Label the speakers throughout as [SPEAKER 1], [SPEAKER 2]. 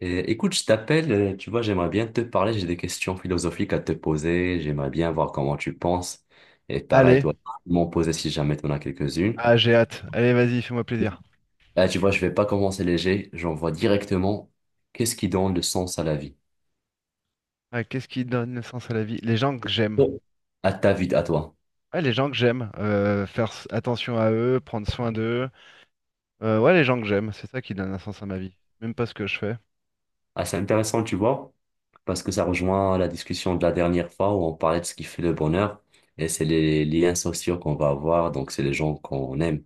[SPEAKER 1] Et écoute, je t'appelle, tu vois, j'aimerais bien te parler, j'ai des questions philosophiques à te poser, j'aimerais bien voir comment tu penses. Et pareil,
[SPEAKER 2] Allez,
[SPEAKER 1] toi, tu peux m'en poser si jamais tu en as quelques-unes.
[SPEAKER 2] ah j'ai hâte. Allez, vas-y, fais-moi plaisir.
[SPEAKER 1] Là, tu vois, je vais pas commencer léger, j'envoie directement qu'est-ce qui donne le sens à la vie,
[SPEAKER 2] Ah, qu'est-ce qui donne sens à la vie? Les gens que j'aime.
[SPEAKER 1] Bon. À ta vie, à toi.
[SPEAKER 2] Ouais, les gens que j'aime. Faire attention à eux, prendre soin d'eux. Ouais, les gens que j'aime, c'est ça qui donne un sens à ma vie. Même pas ce que je fais.
[SPEAKER 1] Ah, c'est intéressant, tu vois, parce que ça rejoint la discussion de la dernière fois où on parlait de ce qui fait le bonheur, et c'est les liens sociaux qu'on va avoir, donc c'est les gens qu'on aime.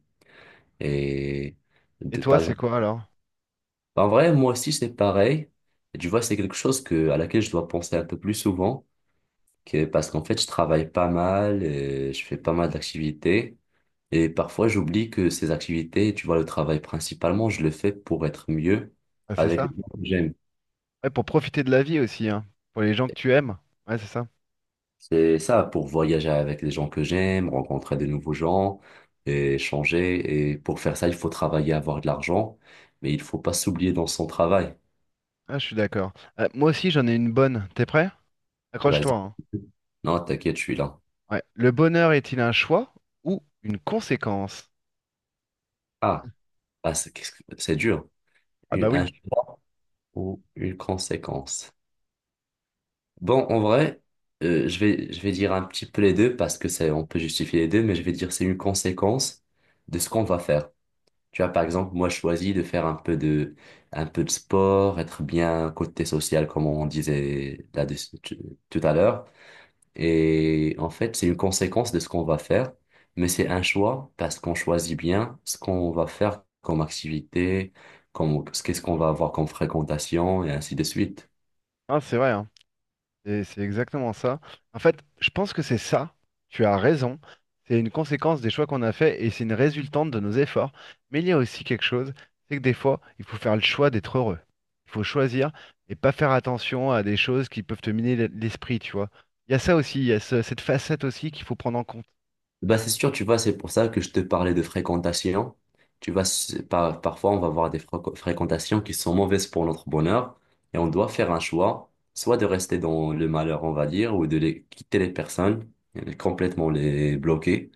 [SPEAKER 1] Et
[SPEAKER 2] Et
[SPEAKER 1] de,
[SPEAKER 2] toi,
[SPEAKER 1] par
[SPEAKER 2] c'est
[SPEAKER 1] exemple,
[SPEAKER 2] quoi alors?
[SPEAKER 1] bah, en vrai, moi aussi, c'est pareil. Et tu vois, c'est quelque chose que, à laquelle je dois penser un peu plus souvent, que, parce qu'en fait, je travaille pas mal, et je fais pas mal d'activités, et parfois, j'oublie que ces activités, tu vois, le travail principalement, je le fais pour être mieux
[SPEAKER 2] Ah, c'est
[SPEAKER 1] avec les
[SPEAKER 2] ça.
[SPEAKER 1] gens que j'aime.
[SPEAKER 2] Ouais, pour profiter de la vie aussi, hein. Pour les gens que tu aimes. Ouais, c'est ça.
[SPEAKER 1] C'est ça, pour voyager avec les gens que j'aime, rencontrer de nouveaux gens, et changer. Et pour faire ça, il faut travailler, avoir de l'argent, mais il faut pas s'oublier dans son travail.
[SPEAKER 2] Ah, je suis d'accord. Moi aussi, j'en ai une bonne. T'es prêt?
[SPEAKER 1] Vas-y.
[SPEAKER 2] Accroche-toi, hein.
[SPEAKER 1] Non, t'inquiète, je suis là.
[SPEAKER 2] Ouais. Le bonheur est-il un choix ou une conséquence?
[SPEAKER 1] Ah. Ah, c'est c'est dur.
[SPEAKER 2] Ah bah
[SPEAKER 1] Une, un-
[SPEAKER 2] oui.
[SPEAKER 1] ou une conséquence. Bon, en vrai, je vais dire un petit peu les deux parce que c'est, on peut justifier les deux, mais je vais dire c'est une conséquence de ce qu'on va faire. Tu vois, par exemple, moi, je choisis de faire un peu de sport, être bien côté social, comme on disait là tout à l'heure. Et en fait, c'est une conséquence de ce qu'on va faire, mais c'est un choix parce qu'on choisit bien ce qu'on va faire comme activité, comme, ce qu'est-ce qu'on va avoir comme fréquentation et ainsi de suite.
[SPEAKER 2] Ah, c'est vrai, hein. Et c'est exactement ça. En fait, je pense que c'est ça. Tu as raison. C'est une conséquence des choix qu'on a faits et c'est une résultante de nos efforts. Mais il y a aussi quelque chose, c'est que des fois, il faut faire le choix d'être heureux. Il faut choisir et pas faire attention à des choses qui peuvent te miner l'esprit, tu vois. Il y a ça aussi, il y a cette facette aussi qu'il faut prendre en compte.
[SPEAKER 1] Bah, c'est sûr, tu vois, c'est pour ça que je te parlais de fréquentation. Tu vois, c'est parfois, on va avoir des fréquentations qui sont mauvaises pour notre bonheur et on doit faire un choix, soit de rester dans le malheur, on va dire, ou de les, quitter les personnes, complètement les bloquer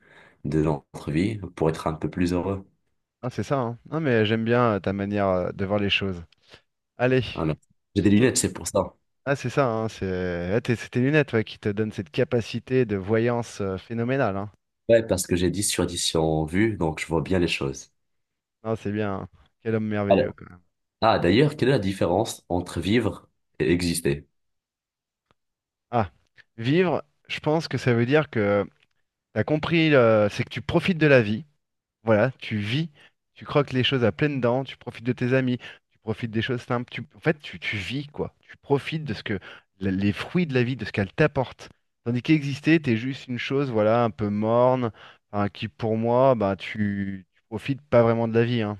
[SPEAKER 1] de notre vie pour être un peu plus heureux.
[SPEAKER 2] Ah, c'est ça, hein. Non, mais j'aime bien ta manière de voir les choses. Allez.
[SPEAKER 1] Ah, non. J'ai des lunettes, c'est pour ça.
[SPEAKER 2] Ah, c'est ça, hein, c'est ah, c'est tes lunettes, ouais, qui te donnent cette capacité de voyance phénoménale, hein.
[SPEAKER 1] Ouais, parce que j'ai 10 sur 10 en vue, donc je vois bien les choses.
[SPEAKER 2] Non, c'est bien, hein. Quel homme merveilleux,
[SPEAKER 1] Alors-
[SPEAKER 2] quand même.
[SPEAKER 1] ah, d'ailleurs, quelle est la différence entre vivre et exister?
[SPEAKER 2] Ah, vivre, je pense que ça veut dire que t'as compris, c'est que tu profites de la vie. Voilà, tu vis, tu croques les choses à pleines dents, tu profites de tes amis, tu profites des choses simples. Tu vis, quoi. Tu profites de ce que, les fruits de la vie, de ce qu'elle t'apporte. Tandis qu'exister, t'es juste une chose, voilà, un peu morne, hein, qui pour moi, bah, tu profites pas vraiment de la vie, hein.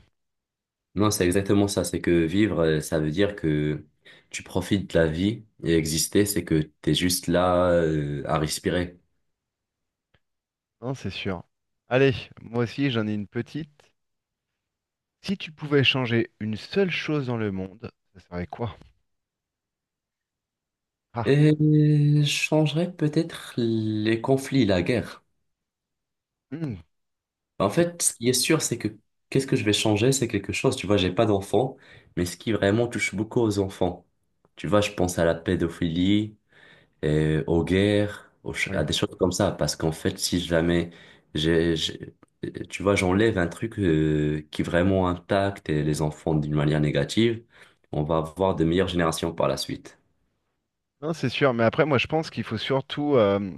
[SPEAKER 1] Non, c'est exactement ça. C'est que vivre, ça veut dire que tu profites de la vie et exister, c'est que t'es juste là, à respirer.
[SPEAKER 2] Non, c'est sûr. Allez, moi aussi, j'en ai une petite. Si tu pouvais changer une seule chose dans le monde, ça serait quoi? Ah,
[SPEAKER 1] Et je changerais peut-être les conflits, la guerre.
[SPEAKER 2] hmm,
[SPEAKER 1] En
[SPEAKER 2] c'est-
[SPEAKER 1] fait, ce qui est sûr, c'est que qu'est-ce que je vais changer, c'est quelque chose. Tu vois, j'ai pas d'enfants, mais ce qui vraiment touche beaucoup aux enfants. Tu vois, je pense à la pédophilie, aux guerres, à
[SPEAKER 2] oui.
[SPEAKER 1] des choses comme ça. Parce qu'en fait, si jamais, j'ai, j'ai- tu vois, j'enlève un truc qui vraiment impacte les enfants d'une manière négative, on va avoir de meilleures générations par la suite.
[SPEAKER 2] Non, c'est sûr, mais après, moi, je pense qu'il faut surtout,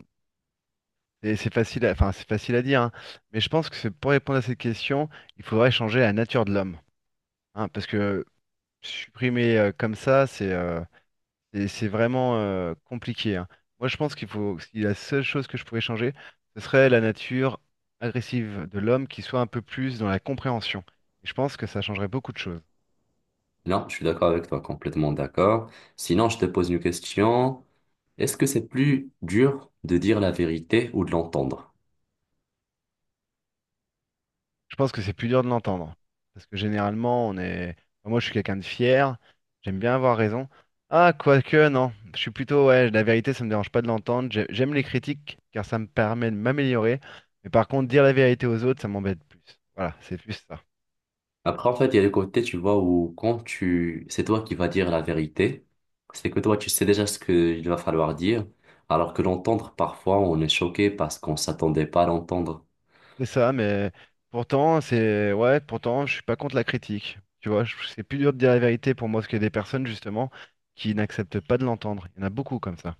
[SPEAKER 2] et c'est facile à, enfin, c'est facile à dire, hein, mais je pense que c'est pour répondre à cette question, il faudrait changer la nature de l'homme, hein, parce que supprimer comme ça, c'est vraiment compliqué, hein. Moi, je pense qu'il faut, si la seule chose que je pourrais changer, ce serait la nature agressive de l'homme qui soit un peu plus dans la compréhension. Et je pense que ça changerait beaucoup de choses.
[SPEAKER 1] Non, je suis d'accord avec toi, complètement d'accord. Sinon, je te pose une question. Est-ce que c'est plus dur de dire la vérité ou de l'entendre?
[SPEAKER 2] Je pense que c'est plus dur de l'entendre. Parce que généralement, on est. Enfin, moi, je suis quelqu'un de fier. J'aime bien avoir raison. Ah, quoique, non. Je suis plutôt. Ouais, la vérité, ça me dérange pas de l'entendre. J'aime les critiques, car ça me permet de m'améliorer. Mais par contre, dire la vérité aux autres, ça m'embête plus. Voilà, c'est plus ça.
[SPEAKER 1] Après, en fait, il y a le côté, tu vois, où quand tu, c'est toi qui vas dire la vérité, c'est que toi, tu sais déjà ce qu'il va falloir dire, alors que l'entendre, parfois, on est choqué parce qu'on s'attendait pas à l'entendre.
[SPEAKER 2] C'est ça, mais pourtant, c'est. Ouais, pourtant, je suis pas contre la critique. Tu vois, c'est plus dur de dire la vérité pour moi, parce qu'il y a des personnes, justement, qui n'acceptent pas de l'entendre. Il y en a beaucoup comme ça.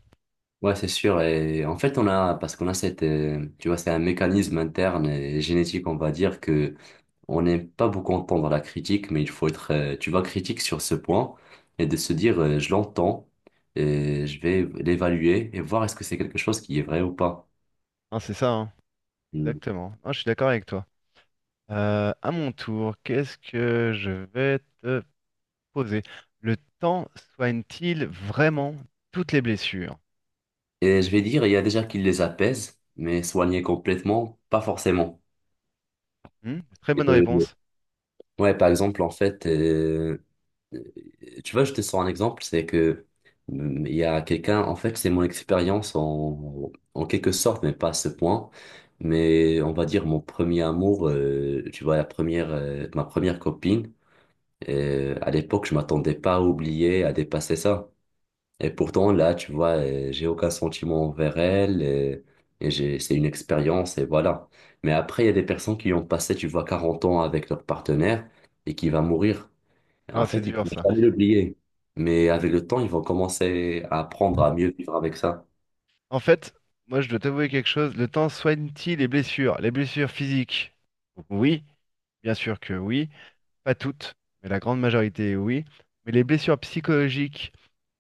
[SPEAKER 1] Ouais, c'est sûr. Et en fait, on a, parce qu'on a cette, tu vois, c'est un mécanisme interne et génétique, on va dire que on n'aime pas beaucoup entendre la critique, mais il faut être, tu vois, critique sur ce point et de se dire, je l'entends et je vais l'évaluer et voir est-ce que c'est quelque chose qui est vrai ou pas.
[SPEAKER 2] Hein, c'est ça, hein. Exactement. Ah, je suis d'accord avec toi. À mon tour, qu'est-ce que je vais te poser? Le temps soigne-t-il vraiment toutes les blessures?
[SPEAKER 1] Et je vais dire, il y a déjà qui les apaisent, mais soigner complètement, pas forcément.
[SPEAKER 2] Hmm, très
[SPEAKER 1] Et
[SPEAKER 2] bonne
[SPEAKER 1] que-
[SPEAKER 2] réponse.
[SPEAKER 1] ouais, par exemple, en fait, euh, tu vois, je te sors un exemple, c'est que il y a quelqu'un, en fait, c'est mon expérience en quelque sorte, mais pas à ce point. Mais on va dire mon premier amour, tu vois, ma première copine, à l'époque, je m'attendais pas à oublier, à dépasser ça. Et pourtant, là, tu vois, j'ai aucun sentiment envers elle. Et j'ai, c'est une expérience et voilà. Mais après, il y a des personnes qui ont passé, tu vois, 40 ans avec leur partenaire et qui va mourir. En
[SPEAKER 2] Ah, c'est
[SPEAKER 1] fait, ils
[SPEAKER 2] dur
[SPEAKER 1] vont
[SPEAKER 2] ça.
[SPEAKER 1] jamais l'oublier. Mais avec le temps, ils vont commencer à apprendre à mieux vivre avec ça.
[SPEAKER 2] En fait, moi je dois t'avouer quelque chose. Le temps soigne-t-il les blessures? Les blessures physiques? Oui, bien sûr que oui. Pas toutes, mais la grande majorité oui. Mais les blessures psychologiques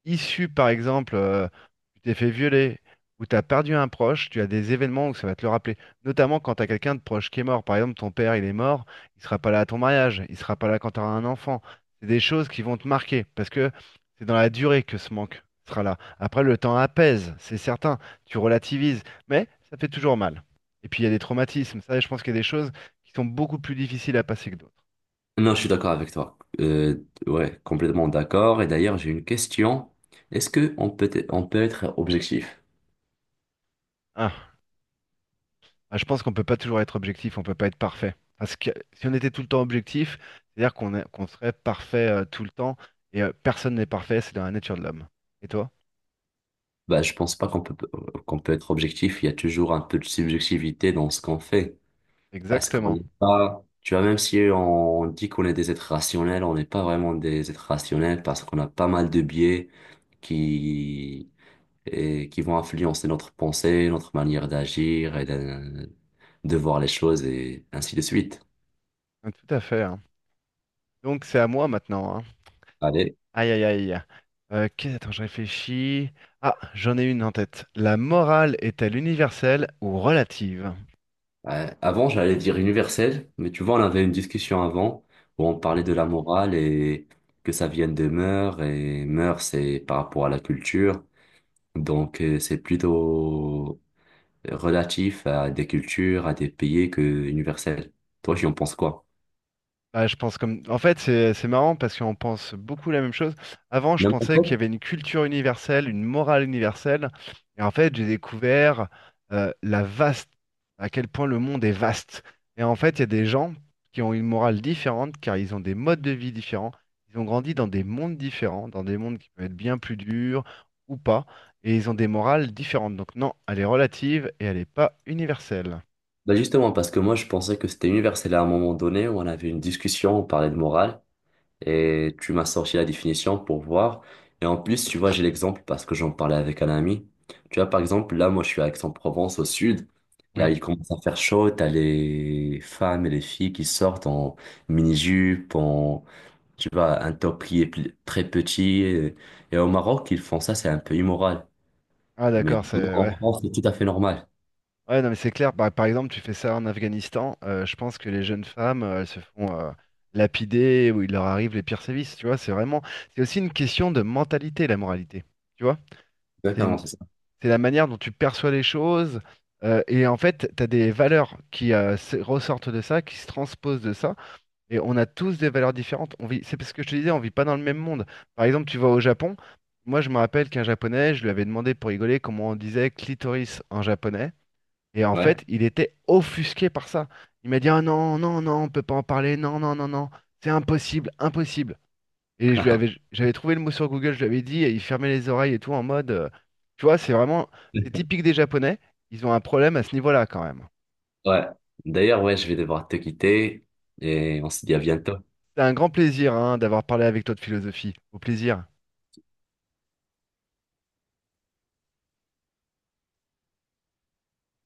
[SPEAKER 2] issu, par exemple, tu t'es fait violer ou tu as perdu un proche, tu as des événements où ça va te le rappeler. Notamment quand tu as quelqu'un de proche qui est mort. Par exemple, ton père, il est mort, il sera pas là à ton mariage, il sera pas là quand tu auras un enfant. C'est des choses qui vont te marquer parce que c'est dans la durée que ce manque sera là. Après, le temps apaise, c'est certain, tu relativises, mais ça fait toujours mal. Et puis, il y a des traumatismes. Ça, je pense qu'il y a des choses qui sont beaucoup plus difficiles à passer que d'autres.
[SPEAKER 1] Non, je suis d'accord avec toi. Ouais, complètement d'accord. Et d'ailleurs, j'ai une question. Est-ce que on peut être objectif?
[SPEAKER 2] Ah. Ah, je pense qu'on peut pas toujours être objectif, on peut pas être parfait. Parce que si on était tout le temps objectif, qu'on serait parfait tout le temps, et personne n'est parfait, c'est dans la nature de l'homme. Et toi?
[SPEAKER 1] Bah, je pense pas qu'on peut, qu'on peut être objectif. Il y a toujours un peu de subjectivité dans ce qu'on fait. Parce qu'on
[SPEAKER 2] Exactement.
[SPEAKER 1] n'est pas, tu vois, même si on, dit qu'on est des êtres rationnels, on n'est pas vraiment des êtres rationnels parce qu'on a pas mal de biais qui, et qui vont influencer notre pensée, notre manière de voir les choses et ainsi de suite.
[SPEAKER 2] Ah, tout à fait, hein. Donc c'est à moi maintenant, hein.
[SPEAKER 1] Allez,
[SPEAKER 2] Aïe aïe aïe. Attends, je réfléchis. Ah, j'en ai une en tête. La morale est-elle universelle ou relative?
[SPEAKER 1] avant j'allais dire universel, mais tu vois, on avait une discussion avant où on parlait de la morale et que ça vienne de mœurs et mœurs c'est par rapport à la culture. Donc c'est plutôt relatif à des cultures, à des pays que universel. Toi, tu en penses quoi?
[SPEAKER 2] Bah, je pense comme. En fait, c'est marrant parce qu'on pense beaucoup la même chose. Avant, je
[SPEAKER 1] Non, mais
[SPEAKER 2] pensais
[SPEAKER 1] en
[SPEAKER 2] qu'il y
[SPEAKER 1] fait,
[SPEAKER 2] avait une culture universelle, une morale universelle. Et en fait, j'ai découvert euh, la vaste, à quel point le monde est vaste. Et en fait, il y a des gens qui ont une morale différente car ils ont des modes de vie différents. Ils ont grandi dans des mondes différents, dans des mondes qui peuvent être bien plus durs ou pas. Et ils ont des morales différentes. Donc, non, elle est relative et elle n'est pas universelle.
[SPEAKER 1] bah justement, parce que moi, je pensais que c'était universel à un moment donné où on avait une discussion, on parlait de morale, et tu m'as sorti la définition pour voir. Et en plus, tu vois, j'ai l'exemple parce que j'en parlais avec un ami. Tu vois, par exemple, là, moi, je suis à Aix-en-Provence, au sud. Là,
[SPEAKER 2] Oui.
[SPEAKER 1] il commence à faire chaud, t'as les femmes et les filles qui sortent en mini-jupe, en tu vas à un top qui est très petit. Et, au Maroc, ils font ça, c'est un peu immoral.
[SPEAKER 2] Ah,
[SPEAKER 1] Mais
[SPEAKER 2] d'accord,
[SPEAKER 1] sinon,
[SPEAKER 2] c'est. Ouais.
[SPEAKER 1] en France, c'est tout à fait normal.
[SPEAKER 2] Ouais, non, mais c'est clair. Par exemple, tu fais ça en Afghanistan, je pense que les jeunes femmes, elles se font lapider ou il leur arrive les pires sévices. Tu vois, c'est vraiment, c'est aussi une question de mentalité, la moralité. Tu vois, c'est
[SPEAKER 1] Exactement,
[SPEAKER 2] une-
[SPEAKER 1] c'est ça.
[SPEAKER 2] c'est la manière dont tu perçois les choses. Et en fait, tu as des valeurs qui ressortent de ça, qui se transposent de ça. Et on a tous des valeurs différentes. On vit, c'est parce que je te disais, on vit pas dans le même monde. Par exemple, tu vas au Japon. Moi, je me rappelle qu'un Japonais, je lui avais demandé pour rigoler comment on disait clitoris en japonais. Et en
[SPEAKER 1] Ouais.
[SPEAKER 2] fait, il était offusqué par ça. Il m'a dit, « Ah non, non, non, on peut pas en parler, non, non, non, non, c'est impossible, impossible. » Et je lui avais, j'avais trouvé le mot sur Google, je lui avais dit, et il fermait les oreilles et tout en mode, tu vois, c'est vraiment, c'est typique des Japonais, ils ont un problème à ce niveau-là quand même.
[SPEAKER 1] Ouais. D'ailleurs, ouais, je vais devoir te quitter. Et on se dit à bientôt.
[SPEAKER 2] C'est un grand plaisir, hein, d'avoir parlé avec toi de philosophie. Au plaisir.